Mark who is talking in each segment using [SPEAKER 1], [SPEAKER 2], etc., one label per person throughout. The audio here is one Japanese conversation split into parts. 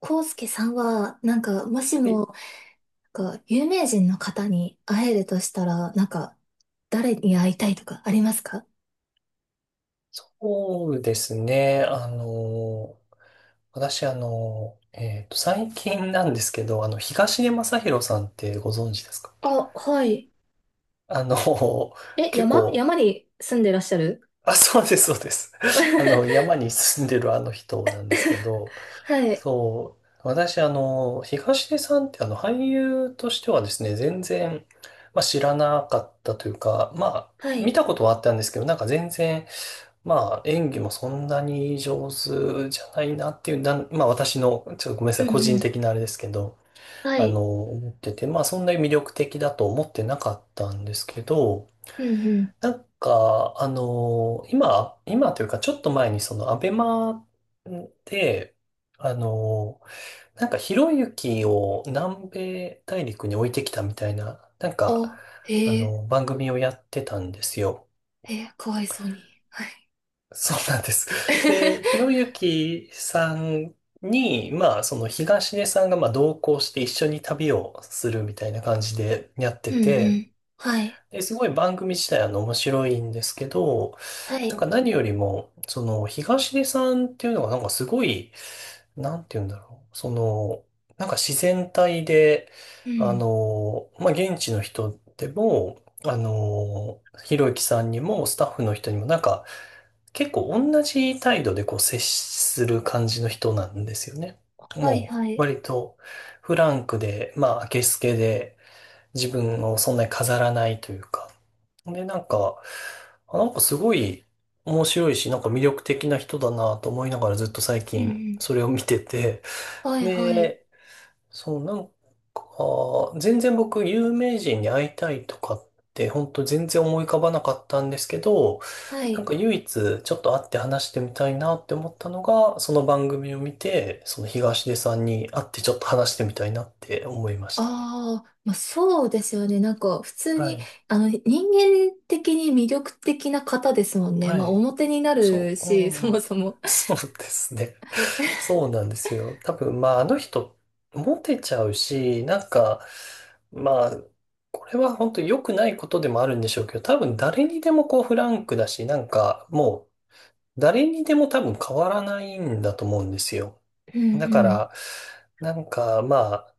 [SPEAKER 1] コウスケさんは、もし
[SPEAKER 2] はい、
[SPEAKER 1] も、有名人の方に会えるとしたら、誰に会いたいとかありますか？
[SPEAKER 2] そうですね。私、最近なんですけど、東出昌大さんってご存知ですか？
[SPEAKER 1] あ、はい。
[SPEAKER 2] あの、
[SPEAKER 1] え、
[SPEAKER 2] 結
[SPEAKER 1] 山
[SPEAKER 2] 構、
[SPEAKER 1] 山に住んでらっしゃる？
[SPEAKER 2] あ、そうです、そうです。山に住んでるあの人なんですけど、
[SPEAKER 1] はい、
[SPEAKER 2] そう、私、東出さんって、俳優としてはですね、全然、まあ、知らなかったというか、まあ、
[SPEAKER 1] はい。
[SPEAKER 2] 見たことはあったんですけど、なんか全然、まあ、演技もそんなに上手じゃないなっていう、まあ私の、ちょっとごめんな
[SPEAKER 1] う
[SPEAKER 2] さ
[SPEAKER 1] ん
[SPEAKER 2] い、個
[SPEAKER 1] う
[SPEAKER 2] 人
[SPEAKER 1] ん。
[SPEAKER 2] 的なあれですけど、
[SPEAKER 1] はい。
[SPEAKER 2] 思ってて、まあそんなに魅力的だと思ってなかったんですけど、
[SPEAKER 1] うんうん。
[SPEAKER 2] なんか、今というかちょっと前にそのアベマで、あの、なんかひろゆきを南米大陸に置いてきたみたいな、なんか、
[SPEAKER 1] あ、へえ。
[SPEAKER 2] 番組をやってたんですよ。
[SPEAKER 1] へえ、かわいそうに。はい。
[SPEAKER 2] そうなんです。で、ひろ ゆきさんに、まあ、その東出さんがまあ同行して一緒に旅をするみたいな感じでやって
[SPEAKER 1] うんう
[SPEAKER 2] て、
[SPEAKER 1] ん。はい、
[SPEAKER 2] で、すごい番組自体は面白いんですけど、
[SPEAKER 1] は
[SPEAKER 2] なん
[SPEAKER 1] い。
[SPEAKER 2] か何よりも、その東出さんっていうのがなんかすごい、なんて言うんだろう。その、なんか自然体で、
[SPEAKER 1] うん。
[SPEAKER 2] まあ、現地の人でも、ひろゆきさんにもスタッフの人にもなんか結構同じ態度でこう接する感じの人なんですよね。
[SPEAKER 1] はい、
[SPEAKER 2] も
[SPEAKER 1] は
[SPEAKER 2] う
[SPEAKER 1] い。
[SPEAKER 2] 割とフランクで、まあ、明けすけで、自分をそんなに飾らないというか。で、なんか、なんかすごい面白いし、なんか魅力的な人だなと思いながらずっと最
[SPEAKER 1] うんう
[SPEAKER 2] 近
[SPEAKER 1] ん。
[SPEAKER 2] それを見てて。
[SPEAKER 1] はい、はい、
[SPEAKER 2] で、そう、なんか、全然僕有名人に会いたいとかって本当全然思い浮かばなかったんですけど、
[SPEAKER 1] は
[SPEAKER 2] なん
[SPEAKER 1] い。
[SPEAKER 2] か唯一ちょっと会って話してみたいなって思ったのが、その番組を見て、その東出さんに会ってちょっと話してみたいなって思いましたね。
[SPEAKER 1] ああ、まあ、そうですよね。普通
[SPEAKER 2] は
[SPEAKER 1] に、
[SPEAKER 2] い。
[SPEAKER 1] 人間的に魅力的な方ですもんね。
[SPEAKER 2] は
[SPEAKER 1] まあ、
[SPEAKER 2] い。
[SPEAKER 1] 表にな
[SPEAKER 2] そ
[SPEAKER 1] る
[SPEAKER 2] う、
[SPEAKER 1] し、そ
[SPEAKER 2] う
[SPEAKER 1] も
[SPEAKER 2] ん、
[SPEAKER 1] そも。
[SPEAKER 2] そうですね。そうなんですよ。多分、まあ、あの人、モテちゃうし、なんか、まあ、これは本当に良くないことでもあるんでしょうけど、多分誰にでもこうフランクだし、なんかもう誰にでも多分変わらないんだと思うんですよ。
[SPEAKER 1] うん
[SPEAKER 2] だか
[SPEAKER 1] うん。
[SPEAKER 2] ら、なんかまあ、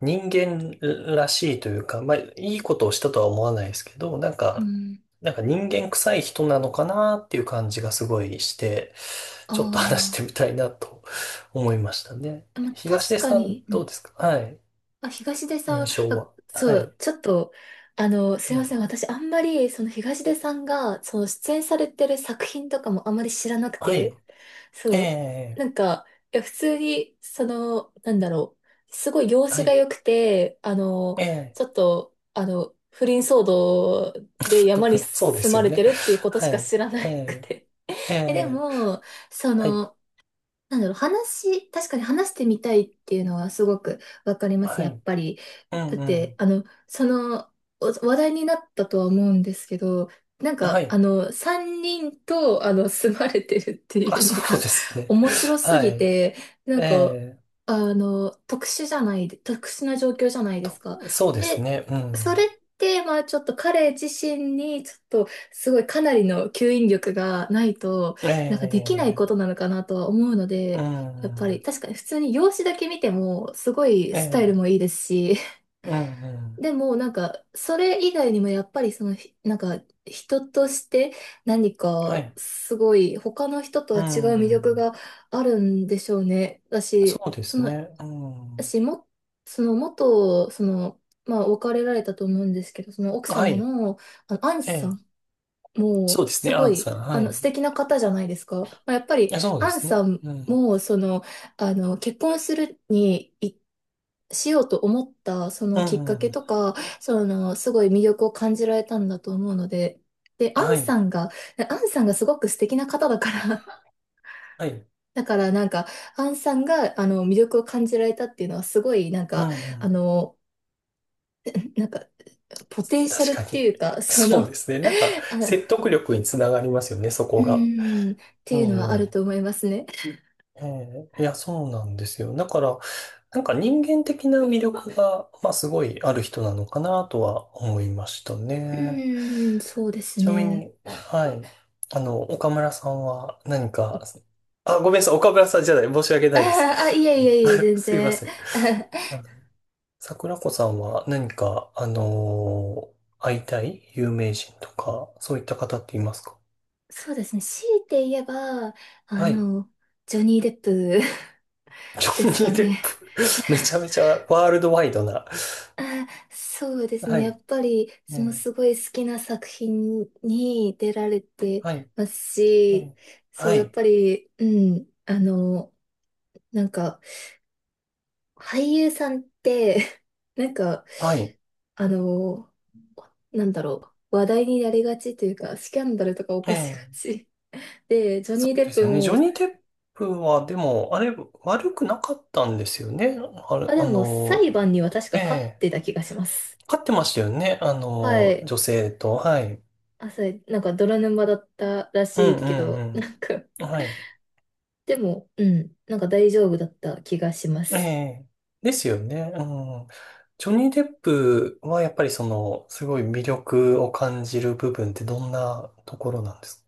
[SPEAKER 2] 人間らしいというか、まあ、いいことをしたとは思わないですけど、なん
[SPEAKER 1] う
[SPEAKER 2] か、
[SPEAKER 1] ん。
[SPEAKER 2] なんか人間臭い人なのかなっていう感じがすごいして、ちょっと話してみ
[SPEAKER 1] あ
[SPEAKER 2] たいなと思いましたね。
[SPEAKER 1] あ。まあ、
[SPEAKER 2] 東
[SPEAKER 1] 確
[SPEAKER 2] 出
[SPEAKER 1] か
[SPEAKER 2] さん、
[SPEAKER 1] に、う
[SPEAKER 2] どう
[SPEAKER 1] ん。
[SPEAKER 2] ですか？はい。
[SPEAKER 1] あ、東出さ
[SPEAKER 2] 印
[SPEAKER 1] ん、
[SPEAKER 2] 象
[SPEAKER 1] あ、
[SPEAKER 2] は。は
[SPEAKER 1] そ
[SPEAKER 2] い。
[SPEAKER 1] う、ちょっと、すい
[SPEAKER 2] え
[SPEAKER 1] ませ
[SPEAKER 2] え、
[SPEAKER 1] ん。私、あんまり、その東出さんが、その出演されてる作品とかもあんまり知らなく
[SPEAKER 2] は
[SPEAKER 1] て、そ
[SPEAKER 2] い。え
[SPEAKER 1] う。
[SPEAKER 2] え、
[SPEAKER 1] なんか、いや、普通に、その、すごい容
[SPEAKER 2] は
[SPEAKER 1] 姿が
[SPEAKER 2] い。
[SPEAKER 1] 良くて、
[SPEAKER 2] ええ。
[SPEAKER 1] ちょっと、不倫騒動で山に
[SPEAKER 2] そうで
[SPEAKER 1] 住
[SPEAKER 2] す
[SPEAKER 1] ま
[SPEAKER 2] よ
[SPEAKER 1] れて
[SPEAKER 2] ね。
[SPEAKER 1] るっていうことし
[SPEAKER 2] は
[SPEAKER 1] か
[SPEAKER 2] い。
[SPEAKER 1] 知らな
[SPEAKER 2] え
[SPEAKER 1] く
[SPEAKER 2] え、
[SPEAKER 1] て。
[SPEAKER 2] え
[SPEAKER 1] え、で
[SPEAKER 2] え、
[SPEAKER 1] も、そ
[SPEAKER 2] はい。
[SPEAKER 1] の、話、確かに話してみたいっていうのはすごくわかります、
[SPEAKER 2] は
[SPEAKER 1] やっ
[SPEAKER 2] い。
[SPEAKER 1] ぱり。
[SPEAKER 2] うん
[SPEAKER 1] だっ
[SPEAKER 2] う
[SPEAKER 1] て、
[SPEAKER 2] ん。
[SPEAKER 1] あの、その、お話題になったとは思うんですけど、
[SPEAKER 2] はい。
[SPEAKER 1] 3人と、あの、住まれてるって
[SPEAKER 2] あ、
[SPEAKER 1] いうの
[SPEAKER 2] そう
[SPEAKER 1] が
[SPEAKER 2] です ね。
[SPEAKER 1] 面白す
[SPEAKER 2] は
[SPEAKER 1] ぎ
[SPEAKER 2] い。
[SPEAKER 1] て、な
[SPEAKER 2] え
[SPEAKER 1] んか、
[SPEAKER 2] え
[SPEAKER 1] 特殊じゃない、特殊な状況じゃないです
[SPEAKER 2] と、
[SPEAKER 1] か。
[SPEAKER 2] そうです
[SPEAKER 1] で、
[SPEAKER 2] ね。う
[SPEAKER 1] それ
[SPEAKER 2] ん。
[SPEAKER 1] って、まあ、ちょっと彼自身に、ちょっと、すごいかなりの吸引力がないと、
[SPEAKER 2] え
[SPEAKER 1] なんかできないこと
[SPEAKER 2] え、
[SPEAKER 1] なのかなとは思うの
[SPEAKER 2] う
[SPEAKER 1] で、やっぱり、
[SPEAKER 2] ん。
[SPEAKER 1] 確かに普通に容姿だけ見ても、すごい
[SPEAKER 2] え
[SPEAKER 1] スタイルもい
[SPEAKER 2] え、
[SPEAKER 1] いですし、
[SPEAKER 2] うん、うん。
[SPEAKER 1] でも、それ以外にもやっぱりその、ひなんか、人として何
[SPEAKER 2] は
[SPEAKER 1] か、
[SPEAKER 2] い。
[SPEAKER 1] すごい、他の人と
[SPEAKER 2] う
[SPEAKER 1] は違う魅力
[SPEAKER 2] ん。
[SPEAKER 1] があるんでしょうね。だ
[SPEAKER 2] そ
[SPEAKER 1] し、
[SPEAKER 2] うで
[SPEAKER 1] そ
[SPEAKER 2] す
[SPEAKER 1] の、
[SPEAKER 2] ね。うん。
[SPEAKER 1] 私も、その、元、その、まあ、別れられたと思うんですけど、その奥
[SPEAKER 2] は
[SPEAKER 1] 様
[SPEAKER 2] い。
[SPEAKER 1] の、あの、アン
[SPEAKER 2] え
[SPEAKER 1] さ
[SPEAKER 2] え、
[SPEAKER 1] ん、も
[SPEAKER 2] そう
[SPEAKER 1] う、
[SPEAKER 2] です
[SPEAKER 1] す
[SPEAKER 2] ね。ア
[SPEAKER 1] ご
[SPEAKER 2] ン
[SPEAKER 1] い、
[SPEAKER 2] さん。
[SPEAKER 1] あ
[SPEAKER 2] は
[SPEAKER 1] の、
[SPEAKER 2] い。
[SPEAKER 1] 素敵な方じゃないですか。まあ、やっぱり、
[SPEAKER 2] え、そうで
[SPEAKER 1] アン
[SPEAKER 2] すね。
[SPEAKER 1] さん
[SPEAKER 2] うん。
[SPEAKER 1] も、その、あの、結婚するに、いしようと思った、そ
[SPEAKER 2] う
[SPEAKER 1] のきっかけ
[SPEAKER 2] ん。
[SPEAKER 1] とか、その、すごい魅力を感じられたんだと思うので、で、
[SPEAKER 2] はい。
[SPEAKER 1] アンさんがすごく素敵な方だから、
[SPEAKER 2] はい。
[SPEAKER 1] だからなんか、アンさんが、あの、魅力を感じられたっていうのは、すごい、
[SPEAKER 2] うん、う
[SPEAKER 1] あ
[SPEAKER 2] ん。
[SPEAKER 1] の、なんか、ポテンシャルっ
[SPEAKER 2] 確か
[SPEAKER 1] て
[SPEAKER 2] に。
[SPEAKER 1] いうか、そ
[SPEAKER 2] そう
[SPEAKER 1] の、
[SPEAKER 2] ですね。なんか、
[SPEAKER 1] あ、
[SPEAKER 2] 説得力につながりますよね、そこが。
[SPEAKER 1] って
[SPEAKER 2] う
[SPEAKER 1] いうのはある
[SPEAKER 2] ん。
[SPEAKER 1] と思いますね。
[SPEAKER 2] ええ、いや、そうなんですよ。だから、なんか人間的な魅力が、まあ、すごいある人なのかなとは思いました
[SPEAKER 1] う
[SPEAKER 2] ね。
[SPEAKER 1] ーん、そうです
[SPEAKER 2] ちなみ
[SPEAKER 1] ね。
[SPEAKER 2] に、はい。岡村さんは何か、あ、ごめんなさい。岡村さんじゃない。申し訳
[SPEAKER 1] あ
[SPEAKER 2] ないです。
[SPEAKER 1] ーあ、いえいえいえ、全
[SPEAKER 2] すいま
[SPEAKER 1] 然。
[SPEAKER 2] せん。あの、桜子さんは何か、会いたい有名人とか、そういった方っていますか？
[SPEAKER 1] そうですね。強いて言えば、あ
[SPEAKER 2] はい。
[SPEAKER 1] の、ジョニー・デップ
[SPEAKER 2] ジ
[SPEAKER 1] です
[SPEAKER 2] ョ
[SPEAKER 1] か
[SPEAKER 2] ニー・
[SPEAKER 1] ね。
[SPEAKER 2] デップ。めちゃめちゃワールドワイドな。
[SPEAKER 1] あ、そうですね。や
[SPEAKER 2] は
[SPEAKER 1] っぱり、
[SPEAKER 2] い。
[SPEAKER 1] その
[SPEAKER 2] え
[SPEAKER 1] す
[SPEAKER 2] え、
[SPEAKER 1] ごい好きな作品に出られて
[SPEAKER 2] はい。
[SPEAKER 1] ます
[SPEAKER 2] え
[SPEAKER 1] し、
[SPEAKER 2] え、
[SPEAKER 1] そ
[SPEAKER 2] は
[SPEAKER 1] う、やっ
[SPEAKER 2] い。
[SPEAKER 1] ぱり、うん、なんか、俳優さんって、なんか、
[SPEAKER 2] はい。
[SPEAKER 1] あの、なんだろう、話題になりがちというか、スキャンダルとか起こしが
[SPEAKER 2] ええ、
[SPEAKER 1] ち。で、ジョ
[SPEAKER 2] そ
[SPEAKER 1] ニー・
[SPEAKER 2] う
[SPEAKER 1] デ
[SPEAKER 2] で
[SPEAKER 1] ッ
[SPEAKER 2] す
[SPEAKER 1] プ
[SPEAKER 2] よね。ジョ
[SPEAKER 1] も、
[SPEAKER 2] ニー・テップは、でも、あれ、悪くなかったんですよね。あれ、
[SPEAKER 1] あ、でも裁判には確か
[SPEAKER 2] え
[SPEAKER 1] 勝っ
[SPEAKER 2] え、
[SPEAKER 1] てた気がします。
[SPEAKER 2] 勝ってましたよね。
[SPEAKER 1] はい。
[SPEAKER 2] 女性と。はい。
[SPEAKER 1] あ、それ、なんか泥沼だったら
[SPEAKER 2] う
[SPEAKER 1] し
[SPEAKER 2] んう
[SPEAKER 1] いけど、
[SPEAKER 2] んうん。はい。
[SPEAKER 1] でも、うん、なんか大丈夫だった気がしま
[SPEAKER 2] え
[SPEAKER 1] す。
[SPEAKER 2] え、ですよね。うん。ジョニー・デップは、やっぱりその、すごい魅力を感じる部分ってどんなところなんです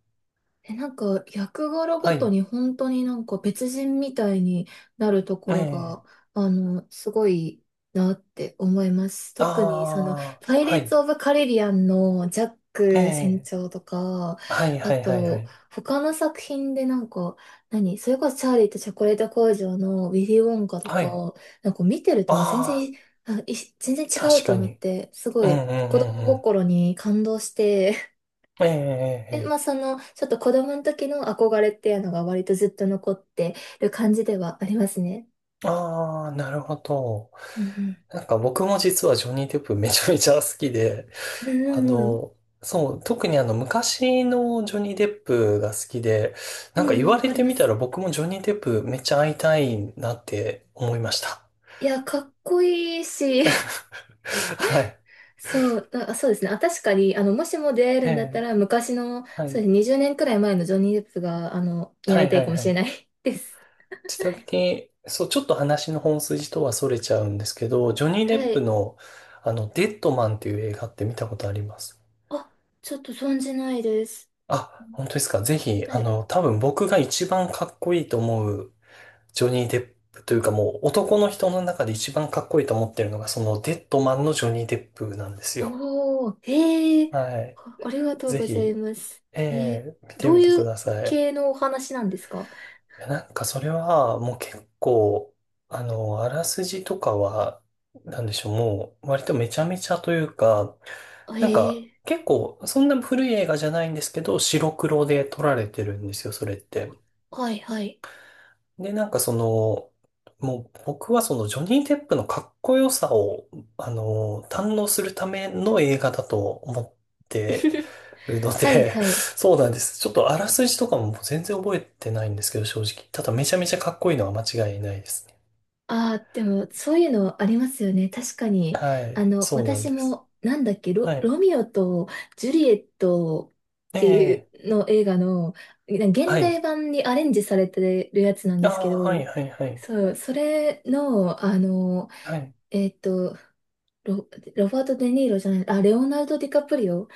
[SPEAKER 1] え、なんか、役柄
[SPEAKER 2] か？
[SPEAKER 1] ご
[SPEAKER 2] は
[SPEAKER 1] と
[SPEAKER 2] い。
[SPEAKER 1] に本当になんか別人みたいになるとこ
[SPEAKER 2] え
[SPEAKER 1] ろ
[SPEAKER 2] え、
[SPEAKER 1] が、あの、すごいなって思います。
[SPEAKER 2] あ
[SPEAKER 1] 特にその、
[SPEAKER 2] あ、
[SPEAKER 1] パイレ
[SPEAKER 2] は
[SPEAKER 1] ーツ・
[SPEAKER 2] い。
[SPEAKER 1] オブ・カリビアンのジャック船
[SPEAKER 2] ええ、
[SPEAKER 1] 長とか、
[SPEAKER 2] はいは
[SPEAKER 1] あ
[SPEAKER 2] いはいは
[SPEAKER 1] と、
[SPEAKER 2] い。
[SPEAKER 1] 他の作品でなんか、何、それこそチャーリーとチョコレート工場のウィリー・ウォンカと
[SPEAKER 2] はい。
[SPEAKER 1] か、なんか見てると全
[SPEAKER 2] あ
[SPEAKER 1] 然、
[SPEAKER 2] あ、
[SPEAKER 1] 全然違
[SPEAKER 2] 確
[SPEAKER 1] うと
[SPEAKER 2] か
[SPEAKER 1] 思っ
[SPEAKER 2] に。
[SPEAKER 1] て、すご
[SPEAKER 2] うんう
[SPEAKER 1] い
[SPEAKER 2] んう
[SPEAKER 1] 子供
[SPEAKER 2] んう
[SPEAKER 1] 心に感動して、
[SPEAKER 2] ん。えええええ
[SPEAKER 1] で、まあ、
[SPEAKER 2] え。
[SPEAKER 1] その、ちょっと子供の時の憧れっていうのが割とずっと残ってる感じではありますね。
[SPEAKER 2] ああ、なるほど。
[SPEAKER 1] うん
[SPEAKER 2] なんか僕も実はジョニー・デップめちゃめちゃ好きで、
[SPEAKER 1] うんう
[SPEAKER 2] あ
[SPEAKER 1] んうんうん。
[SPEAKER 2] の、そう、特にあの昔のジョニー・デップが好きで、
[SPEAKER 1] う
[SPEAKER 2] なんか言
[SPEAKER 1] ん
[SPEAKER 2] わ
[SPEAKER 1] わ
[SPEAKER 2] れ
[SPEAKER 1] かり
[SPEAKER 2] て
[SPEAKER 1] ま
[SPEAKER 2] みた
[SPEAKER 1] す。
[SPEAKER 2] ら僕もジョニー・デップめっちゃ会いたいなって思いました。
[SPEAKER 1] いや、かっこいいし、
[SPEAKER 2] はい。
[SPEAKER 1] そう、あ、そうですね。あ、確かに、もしも出会える
[SPEAKER 2] え
[SPEAKER 1] んだった
[SPEAKER 2] え、
[SPEAKER 1] ら、昔の、
[SPEAKER 2] は
[SPEAKER 1] そうです
[SPEAKER 2] い。
[SPEAKER 1] ね、20年くらい前のジョニー・デップが、に
[SPEAKER 2] は
[SPEAKER 1] 会い
[SPEAKER 2] い
[SPEAKER 1] た
[SPEAKER 2] は
[SPEAKER 1] い
[SPEAKER 2] い
[SPEAKER 1] かも
[SPEAKER 2] は
[SPEAKER 1] しれ
[SPEAKER 2] い。
[SPEAKER 1] ない です。
[SPEAKER 2] ちなみに、そう、ちょっと話の本筋とは逸れちゃうんですけど、ジョニー・デ
[SPEAKER 1] は
[SPEAKER 2] ップ
[SPEAKER 1] い。
[SPEAKER 2] の、デッドマンっていう映画って見たことあります？
[SPEAKER 1] あ、ちょっと存じないです。
[SPEAKER 2] あ、本当ですか。ぜひ、
[SPEAKER 1] はい。
[SPEAKER 2] 多分僕が一番かっこいいと思うジョニー・デップというかもう男の人の中で一番かっこいいと思ってるのが、そのデッドマンのジョニー・デップなんですよ。
[SPEAKER 1] おー、へえ。
[SPEAKER 2] はい。
[SPEAKER 1] あ、ありがとう
[SPEAKER 2] ぜ
[SPEAKER 1] ござい
[SPEAKER 2] ひ、
[SPEAKER 1] ます。へえ。
[SPEAKER 2] 見て
[SPEAKER 1] どう
[SPEAKER 2] みて
[SPEAKER 1] い
[SPEAKER 2] く
[SPEAKER 1] う
[SPEAKER 2] ださい。
[SPEAKER 1] 系のお話なんですか？
[SPEAKER 2] いや、なんかそれはもう結構、あらすじとかは、なんでしょう、もう割とめちゃめちゃというか、
[SPEAKER 1] へ
[SPEAKER 2] なんか
[SPEAKER 1] え。
[SPEAKER 2] 結構そんな古い映画じゃないんですけど、白黒で撮られてるんですよ、それって。
[SPEAKER 1] はいはい。
[SPEAKER 2] で、なんかその、もう僕はそのジョニー・デップのかっこよさを、堪能するための映画だと思って るの
[SPEAKER 1] はい
[SPEAKER 2] で、
[SPEAKER 1] はい。
[SPEAKER 2] そうなんです。ちょっとあらすじとかも全然覚えてないんですけど、正直。ただめちゃめちゃかっこいいのは間違いないですね。
[SPEAKER 1] ああ、でも、そういうのありますよね。確かに。
[SPEAKER 2] は
[SPEAKER 1] あ
[SPEAKER 2] い。
[SPEAKER 1] の、
[SPEAKER 2] そうなん
[SPEAKER 1] 私
[SPEAKER 2] です。
[SPEAKER 1] も、なんだっけ、
[SPEAKER 2] はい。
[SPEAKER 1] ロミオとジュリエットっ
[SPEAKER 2] え
[SPEAKER 1] てい
[SPEAKER 2] え、
[SPEAKER 1] うの映画の、な現
[SPEAKER 2] は
[SPEAKER 1] 代
[SPEAKER 2] い。
[SPEAKER 1] 版にアレンジされてるやつなんで
[SPEAKER 2] あ
[SPEAKER 1] すけ
[SPEAKER 2] あ、は
[SPEAKER 1] ど、
[SPEAKER 2] い、はい、はい。
[SPEAKER 1] そう、それの、あの、
[SPEAKER 2] はい。
[SPEAKER 1] えっと、ロ、ロバート・デ・ニーロじゃない、あ、レオナルド・ディカプリオ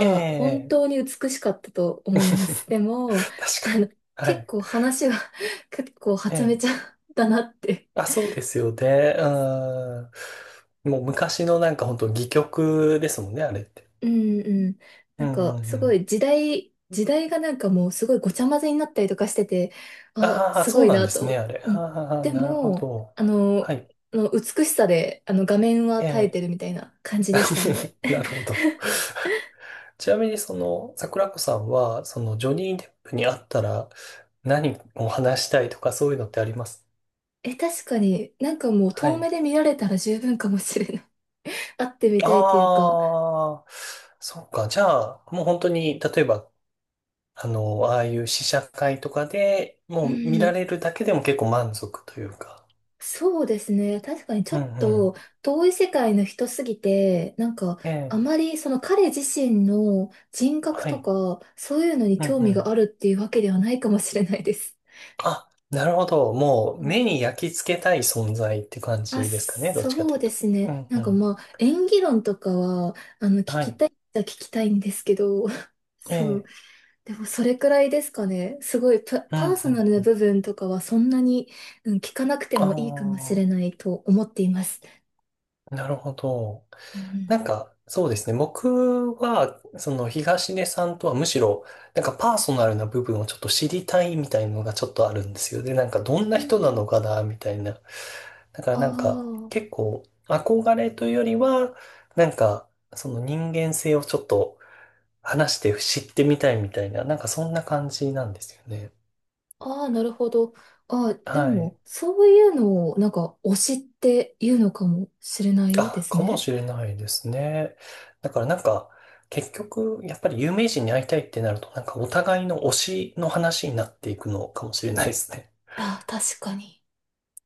[SPEAKER 2] え
[SPEAKER 1] 本
[SPEAKER 2] え。
[SPEAKER 1] 当に美しかったと 思いま
[SPEAKER 2] 確
[SPEAKER 1] す。でも、あの、
[SPEAKER 2] かに。は
[SPEAKER 1] 結
[SPEAKER 2] い。
[SPEAKER 1] 構話は 結構は
[SPEAKER 2] え
[SPEAKER 1] ちゃめ
[SPEAKER 2] え、
[SPEAKER 1] ちゃだなって。
[SPEAKER 2] あ、そうですよね。うん。もう昔のなんか本当戯曲ですもんね、あれって。
[SPEAKER 1] うんうん。
[SPEAKER 2] う
[SPEAKER 1] なん
[SPEAKER 2] んう
[SPEAKER 1] か、
[SPEAKER 2] んう
[SPEAKER 1] すご
[SPEAKER 2] ん。
[SPEAKER 1] い時代、時代がなんかもうすごいごちゃ混ぜになったりとかしてて、あ、
[SPEAKER 2] ああ、
[SPEAKER 1] すご
[SPEAKER 2] そう
[SPEAKER 1] い
[SPEAKER 2] なん
[SPEAKER 1] な
[SPEAKER 2] です
[SPEAKER 1] と思
[SPEAKER 2] ね、
[SPEAKER 1] っ
[SPEAKER 2] あ
[SPEAKER 1] て。
[SPEAKER 2] れ。
[SPEAKER 1] うん。
[SPEAKER 2] ああ、
[SPEAKER 1] で
[SPEAKER 2] なるほ
[SPEAKER 1] も、
[SPEAKER 2] ど。
[SPEAKER 1] あの、
[SPEAKER 2] はい。
[SPEAKER 1] あの美しさで、あの、画面は
[SPEAKER 2] え
[SPEAKER 1] 耐えて
[SPEAKER 2] え。
[SPEAKER 1] るみたいな感じでしたね。
[SPEAKER 2] なるほど。ちなみにその、桜子さんは、そのジョニー・デップに会ったら何を話したいとかそういうのってあります？
[SPEAKER 1] え、確かになんかもう
[SPEAKER 2] は
[SPEAKER 1] 遠目
[SPEAKER 2] い。
[SPEAKER 1] で見られたら十分かもしれない。会ってみたいというか、
[SPEAKER 2] ああ、そうか。じゃあ、もう本当に、例えばあの、ああいう試写会とかで
[SPEAKER 1] う
[SPEAKER 2] もう見ら
[SPEAKER 1] ん、
[SPEAKER 2] れるだけでも結構満足というか。
[SPEAKER 1] そうですね。確かにちょ
[SPEAKER 2] うん
[SPEAKER 1] っ
[SPEAKER 2] う
[SPEAKER 1] と遠い世界の人すぎて、なんか
[SPEAKER 2] ん。え
[SPEAKER 1] あ
[SPEAKER 2] え。
[SPEAKER 1] まりその彼自身の人格
[SPEAKER 2] は
[SPEAKER 1] と
[SPEAKER 2] い。
[SPEAKER 1] か、そういうのに
[SPEAKER 2] うん
[SPEAKER 1] 興
[SPEAKER 2] う
[SPEAKER 1] 味があ
[SPEAKER 2] ん。
[SPEAKER 1] るっていうわけではないかもしれないです。
[SPEAKER 2] あ、なるほど。もう
[SPEAKER 1] うん。
[SPEAKER 2] 目に焼き付けたい存在って感
[SPEAKER 1] あ、
[SPEAKER 2] じですかね。どっちか
[SPEAKER 1] そ
[SPEAKER 2] と
[SPEAKER 1] う
[SPEAKER 2] いう
[SPEAKER 1] で
[SPEAKER 2] と。
[SPEAKER 1] す
[SPEAKER 2] う
[SPEAKER 1] ね。
[SPEAKER 2] ん
[SPEAKER 1] な
[SPEAKER 2] う
[SPEAKER 1] んか
[SPEAKER 2] ん。
[SPEAKER 1] まあ、演技論とかは、あの、聞
[SPEAKER 2] は
[SPEAKER 1] き
[SPEAKER 2] い。
[SPEAKER 1] たいっちゃ聞きたいんですけど、
[SPEAKER 2] え
[SPEAKER 1] そう、
[SPEAKER 2] え。
[SPEAKER 1] でもそれくらいですかね。すごい
[SPEAKER 2] うんう
[SPEAKER 1] パ
[SPEAKER 2] ん
[SPEAKER 1] ーソナルな
[SPEAKER 2] うん。
[SPEAKER 1] 部分とかはそんなに、うん、聞かなくて
[SPEAKER 2] あ
[SPEAKER 1] もいいかもしれないと思っています。
[SPEAKER 2] あ、なるほど。
[SPEAKER 1] うん
[SPEAKER 2] なんか、そうですね。僕は、その東根さんとはむしろ、なんかパーソナルな部分をちょっと知りたいみたいなのがちょっとあるんですよ。で、なんかどん
[SPEAKER 1] う
[SPEAKER 2] な
[SPEAKER 1] んうん
[SPEAKER 2] 人なのかな、みたいな。だから
[SPEAKER 1] あ
[SPEAKER 2] なんか、結構、憧れというよりは、なんか、その人間性をちょっと話して知ってみたいみたいな、なんかそんな感じなんですよね。
[SPEAKER 1] あ、ああ、なるほど。ああ、で
[SPEAKER 2] はい。
[SPEAKER 1] も、そういうのを、なんか、推しっていうのかもしれないで
[SPEAKER 2] あ、
[SPEAKER 1] す
[SPEAKER 2] かも
[SPEAKER 1] ね。
[SPEAKER 2] しれないですね。だからなんか、結局、やっぱり有名人に会いたいってなると、なんかお互いの推しの話になっていくのかもしれないですね。
[SPEAKER 1] ああ、確かに。